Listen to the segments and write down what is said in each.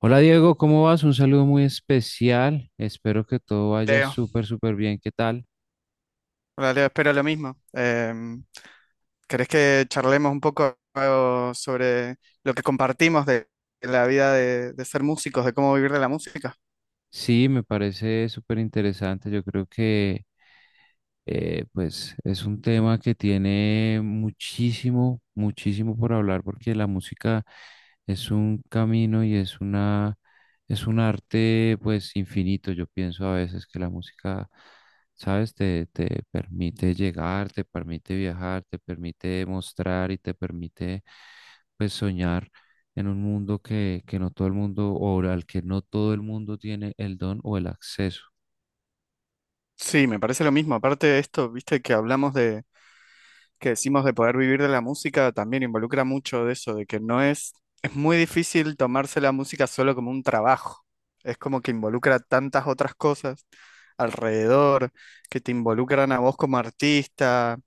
Hola Diego, ¿cómo vas? Un saludo muy especial. Espero que todo vaya Leo, súper, súper bien. ¿Qué tal? hola Leo, espero lo mismo. ¿Querés que charlemos un poco sobre lo que compartimos de la vida de ser músicos, de cómo vivir de la música? Sí, me parece súper interesante. Yo creo que pues es un tema que tiene muchísimo, muchísimo por hablar porque la música es un camino y es una, es un arte pues infinito. Yo pienso a veces que la música, sabes, te permite llegar, te permite viajar, te permite mostrar y te permite pues soñar en un mundo que no todo el mundo o al que no todo el mundo tiene el don o el acceso. Sí, me parece lo mismo. Aparte de esto, viste que hablamos de, que decimos de poder vivir de la música, también involucra mucho de eso, de que no es, es muy difícil tomarse la música solo como un trabajo. Es como que involucra tantas otras cosas alrededor, que te involucran a vos como artista,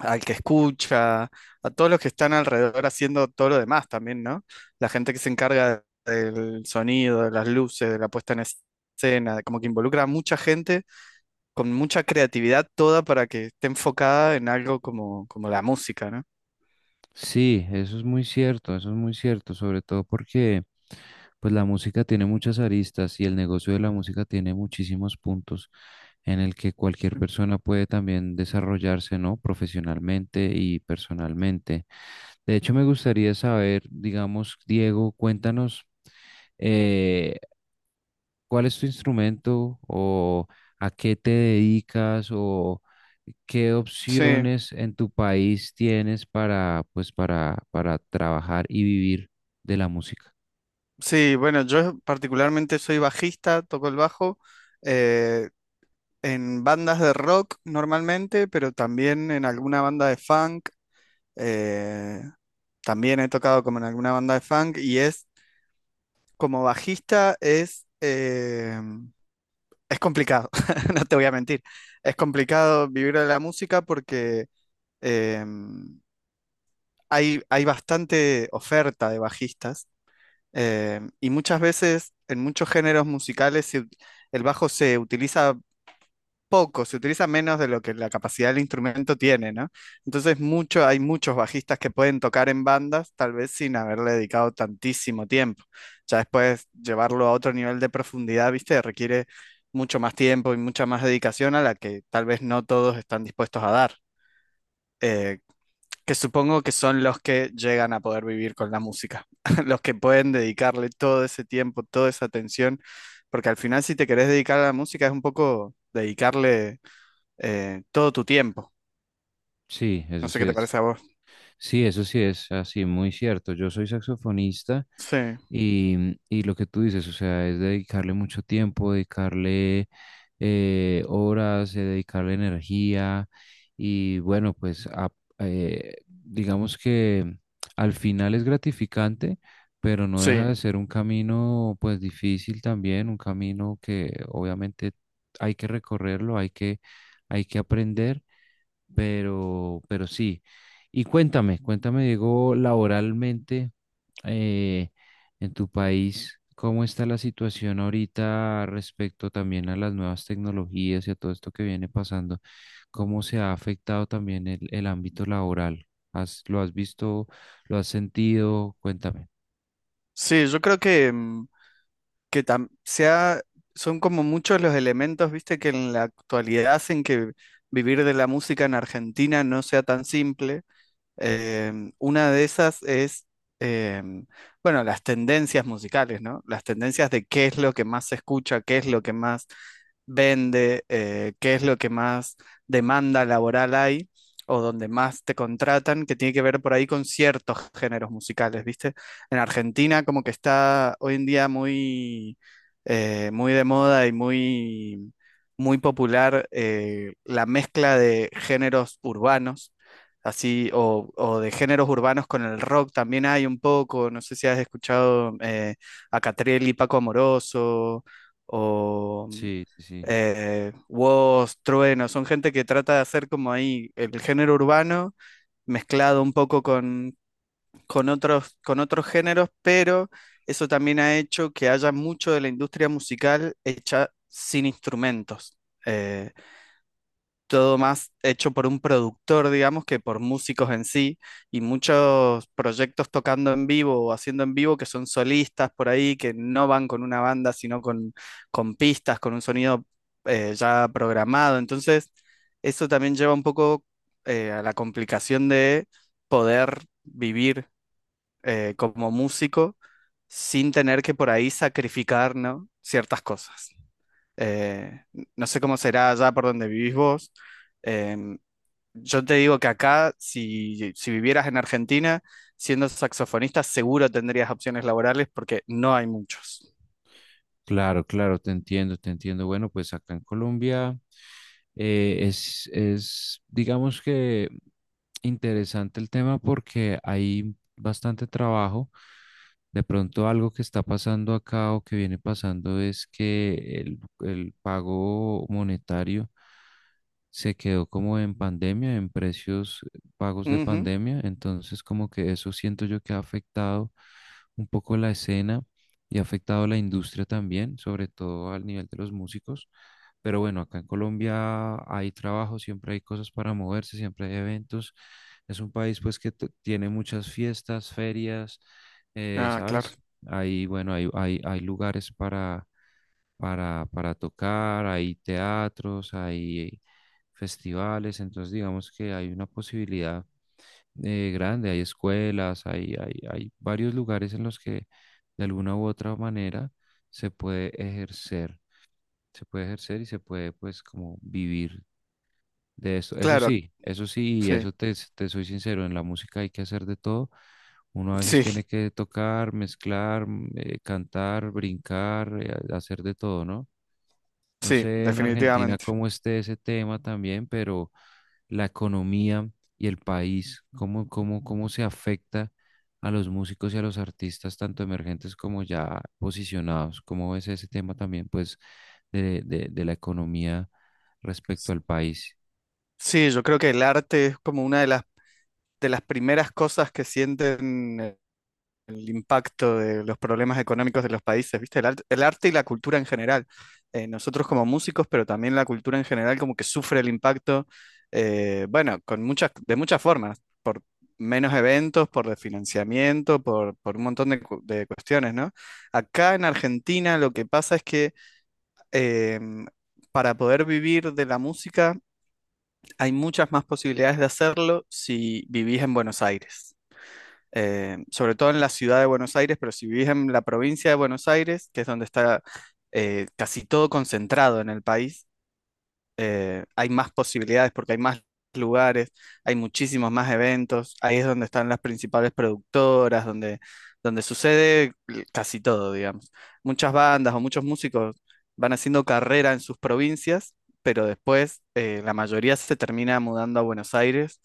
al que escucha, a todos los que están alrededor haciendo todo lo demás también, ¿no? La gente que se encarga del sonido, de las luces, de la puesta en escena, como que involucra a mucha gente con mucha creatividad toda para que esté enfocada en algo como la música, ¿no? Sí, eso es muy cierto, eso es muy cierto, sobre todo porque pues la música tiene muchas aristas y el negocio de la música tiene muchísimos puntos en el que cualquier persona puede también desarrollarse, ¿no? Profesionalmente y personalmente. De hecho, me gustaría saber, digamos, Diego, cuéntanos eh, ¿cuál es tu instrumento o a qué te dedicas o qué Sí, opciones en tu país tienes para trabajar y vivir de la música? sí, bueno, yo particularmente soy bajista, toco el bajo eh, en bandas de rock normalmente, pero también en alguna banda de funk. Eh, También he tocado como en alguna banda de funk y es como bajista es complicado, no te voy a mentir. Es complicado vivir de la música porque eh, hay bastante oferta de bajistas, y muchas veces en muchos géneros musicales el bajo se utiliza poco, se utiliza menos de lo que la capacidad del instrumento tiene, ¿no? Entonces hay muchos bajistas que pueden tocar en bandas, tal vez sin haberle dedicado tantísimo tiempo. Ya después llevarlo a otro nivel de profundidad, ¿viste? Requiere mucho más tiempo y mucha más dedicación a la que tal vez no todos están dispuestos a dar. eh, que supongo que son los que llegan a poder vivir con la música, los que pueden dedicarle todo ese tiempo, toda esa atención, porque al final si te querés dedicar a la música es un poco dedicarle todo tu tiempo. Sí, No eso sé sí qué te es. parece a vos. Sí, eso sí es así, muy cierto. Yo soy saxofonista Sí, y, y lo que tú dices, o sea, es dedicarle mucho tiempo, dedicarle horas, dedicarle energía y bueno, digamos que al final es gratificante, pero no sí, deja de ser un camino pues difícil también, un camino que obviamente hay que recorrerlo, hay que aprender pero sí. Y cuéntame, cuéntame, Diego, laboralmente eh, en tu país, ¿cómo está la situación ahorita respecto también a las nuevas tecnologías y a todo esto que viene pasando? ¿Cómo se ha afectado también el ámbito laboral? ¿Has- lo has visto? ¿Lo has sentido? Cuéntame. sí, yo creo que, que tam- sea, son como muchos los elementos, viste, que en la actualidad hacen que vivir de la música en Argentina no sea tan simple. Una de esas es, em, bueno, las tendencias musicales, ¿no? Las tendencias de qué es lo que más se escucha, qué es lo que más vende, qué es lo que más demanda laboral hay o donde más te contratan, que tiene que ver por ahí con ciertos géneros musicales, ¿viste? En Argentina como que está hoy en día muy de moda y muy popular, la mezcla de géneros urbanos así, o de géneros urbanos con el rock también hay un poco, no sé si has escuchado a Catriel y Paco Amoroso, o mm, Sí, sí, sí. eh, Woz, Trueno, son gente que trata de hacer como ahí el género urbano mezclado un poco con otros géneros, pero eso también ha hecho que haya mucho de la industria musical hecha sin instrumentos. Eh, Todo más hecho por un productor, digamos, que por músicos en sí, y muchos proyectos tocando en vivo o haciendo en vivo que son solistas por ahí, que no van con una banda, sino con pistas, con un sonido ya programado. Entonces, eso también lleva un poco a la complicación de poder vivir como músico sin tener que por ahí sacrificar, ¿no?, ciertas cosas. Eh, no sé cómo será allá por donde vivís vos. Em, yo te digo que acá, si vivieras en Argentina, siendo saxofonista, seguro tendrías opciones laborales porque no hay muchos. Claro, claro, te entiendo, te entiendo. Bueno, pues acá en Colombia es, digamos que interesante el tema porque hay bastante trabajo. De pronto algo que está pasando acá o que viene pasando es que el pago monetario se quedó como en pandemia, en precios pagos de Ujú. pandemia. Entonces como que eso siento yo que ha afectado un poco la escena y ha afectado la industria también, sobre todo al nivel de los músicos. Pero bueno, acá en Colombia hay trabajo, siempre hay cosas para moverse, siempre hay eventos. Es un país pues que tiene muchas fiestas, ferias, Ah, claro, ¿sabes? Ahí, bueno, hay lugares para tocar, hay teatros, hay festivales, entonces digamos que hay una posibilidad grande, hay escuelas, hay varios lugares en los que de alguna u otra manera se puede ejercer, se puede ejercer y se puede pues como vivir de eso, claro, eso sí, sí, te soy sincero, en la música hay que hacer de todo. Uno a veces sí, tiene que tocar, mezclar, cantar, brincar, hacer de todo, ¿no? No sí, sé en Argentina definitivamente. cómo esté ese tema también, pero la economía y el país, cómo se afecta a los músicos y a los artistas, tanto emergentes como ya posicionados. ¿Cómo ves ese tema también, pues, de, de la economía respecto al país? Sí, yo creo que el arte es como una de las primeras cosas que sienten el impacto de los problemas económicos de los países, ¿viste? El arte y la cultura en general. Nosotros como músicos, pero también la cultura en general como que sufre el impacto, bueno, con muchas, de muchas formas, por menos eventos, por desfinanciamiento, por un montón de cuestiones, ¿no? Acá en Argentina lo que pasa es que em, para poder vivir de la música hay muchas más posibilidades de hacerlo si vivís en Buenos Aires, sobre todo en la ciudad de Buenos Aires, pero si vivís en la provincia de Buenos Aires, que es donde está casi todo concentrado en el país, hay más posibilidades porque hay más lugares, hay muchísimos más eventos, ahí es donde están las principales productoras, donde sucede casi todo, digamos. Muchas bandas o muchos músicos van haciendo carrera en sus provincias, pero después la mayoría se termina mudando a Buenos Aires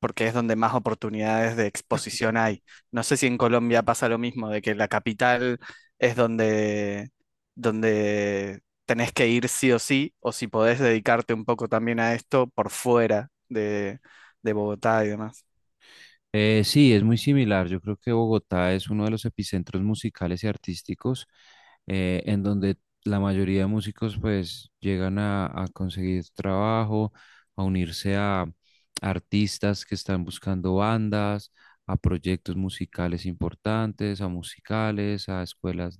porque es donde más oportunidades de exposición hay. No sé si en Colombia pasa lo mismo, de que la capital es donde tenés que ir sí o sí, o si podés dedicarte un poco también a esto por fuera de Bogotá y demás. Sí, es muy similar. Yo creo que Bogotá es uno de los epicentros musicales y artísticos en donde la mayoría de músicos pues llegan a conseguir trabajo, a unirse a artistas que están buscando bandas, a proyectos musicales importantes, a musicales, a escuelas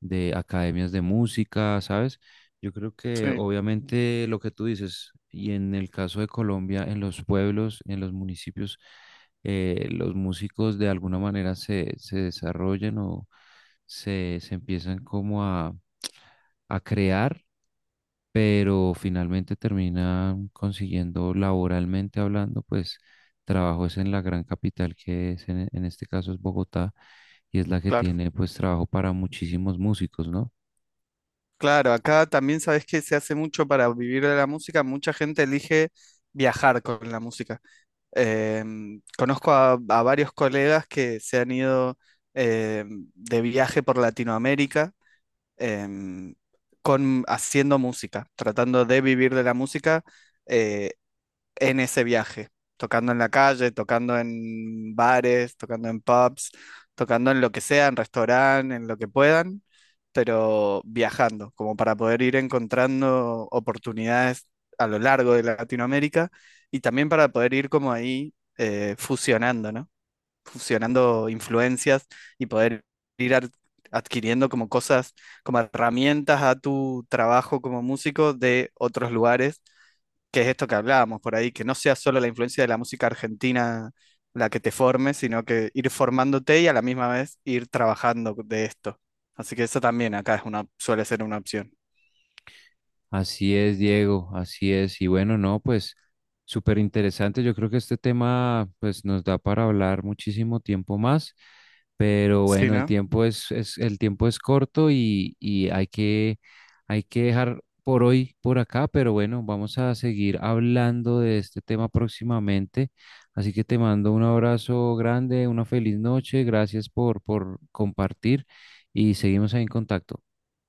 de academias de música, ¿sabes? Yo creo que Sí, obviamente lo que tú dices, y en el caso de Colombia, en los pueblos, en los municipios, los músicos de alguna manera se desarrollan o se empiezan como a crear, pero finalmente terminan consiguiendo laboralmente hablando, pues trabajos en la gran capital que es en este caso es Bogotá y es la que claro. tiene pues trabajo para muchísimos músicos, ¿no? Claro, acá también sabes que se hace mucho para vivir de la música, mucha gente elige viajar con la música. Conozco a varios colegas que se han ido, de viaje por Latinoamérica, em, haciendo música, tratando de vivir de la música eh, en ese viaje, tocando en la calle, tocando en bares, tocando en pubs, tocando en lo que sea, en restaurantes, en lo que puedan, pero viajando, como para poder ir encontrando oportunidades a lo largo de Latinoamérica, y también para poder ir como ahí fusionando, ¿no?, fusionando influencias, y poder ir ar- adquiriendo como cosas, como herramientas a tu trabajo como músico de otros lugares, que es esto que hablábamos por ahí, que no sea solo la influencia de la música argentina la que te forme, sino que ir formándote y a la misma vez ir trabajando de esto. Así que eso también acá es una, suele ser una opción. Así es, Diego, así es. Y bueno, no, pues súper interesante. Yo creo que este tema pues nos da para hablar muchísimo tiempo más, pero Sí, bueno, el ¿no? tiempo es, es el tiempo es corto y hay que dejar por hoy por acá, pero bueno, vamos a seguir hablando de este tema próximamente. Así que te mando un abrazo grande, una feliz noche, gracias por compartir y seguimos ahí en contacto.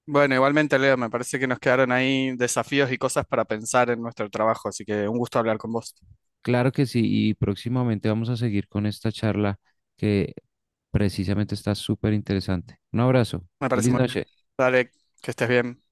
Bueno, igualmente, Leo, me parece que nos quedaron ahí desafíos y cosas para pensar en nuestro trabajo, así que un gusto hablar con vos. Claro que sí, y próximamente vamos a seguir con esta charla que precisamente está súper interesante. Un abrazo, Me parece feliz muy. noche. Dale, que estés bien.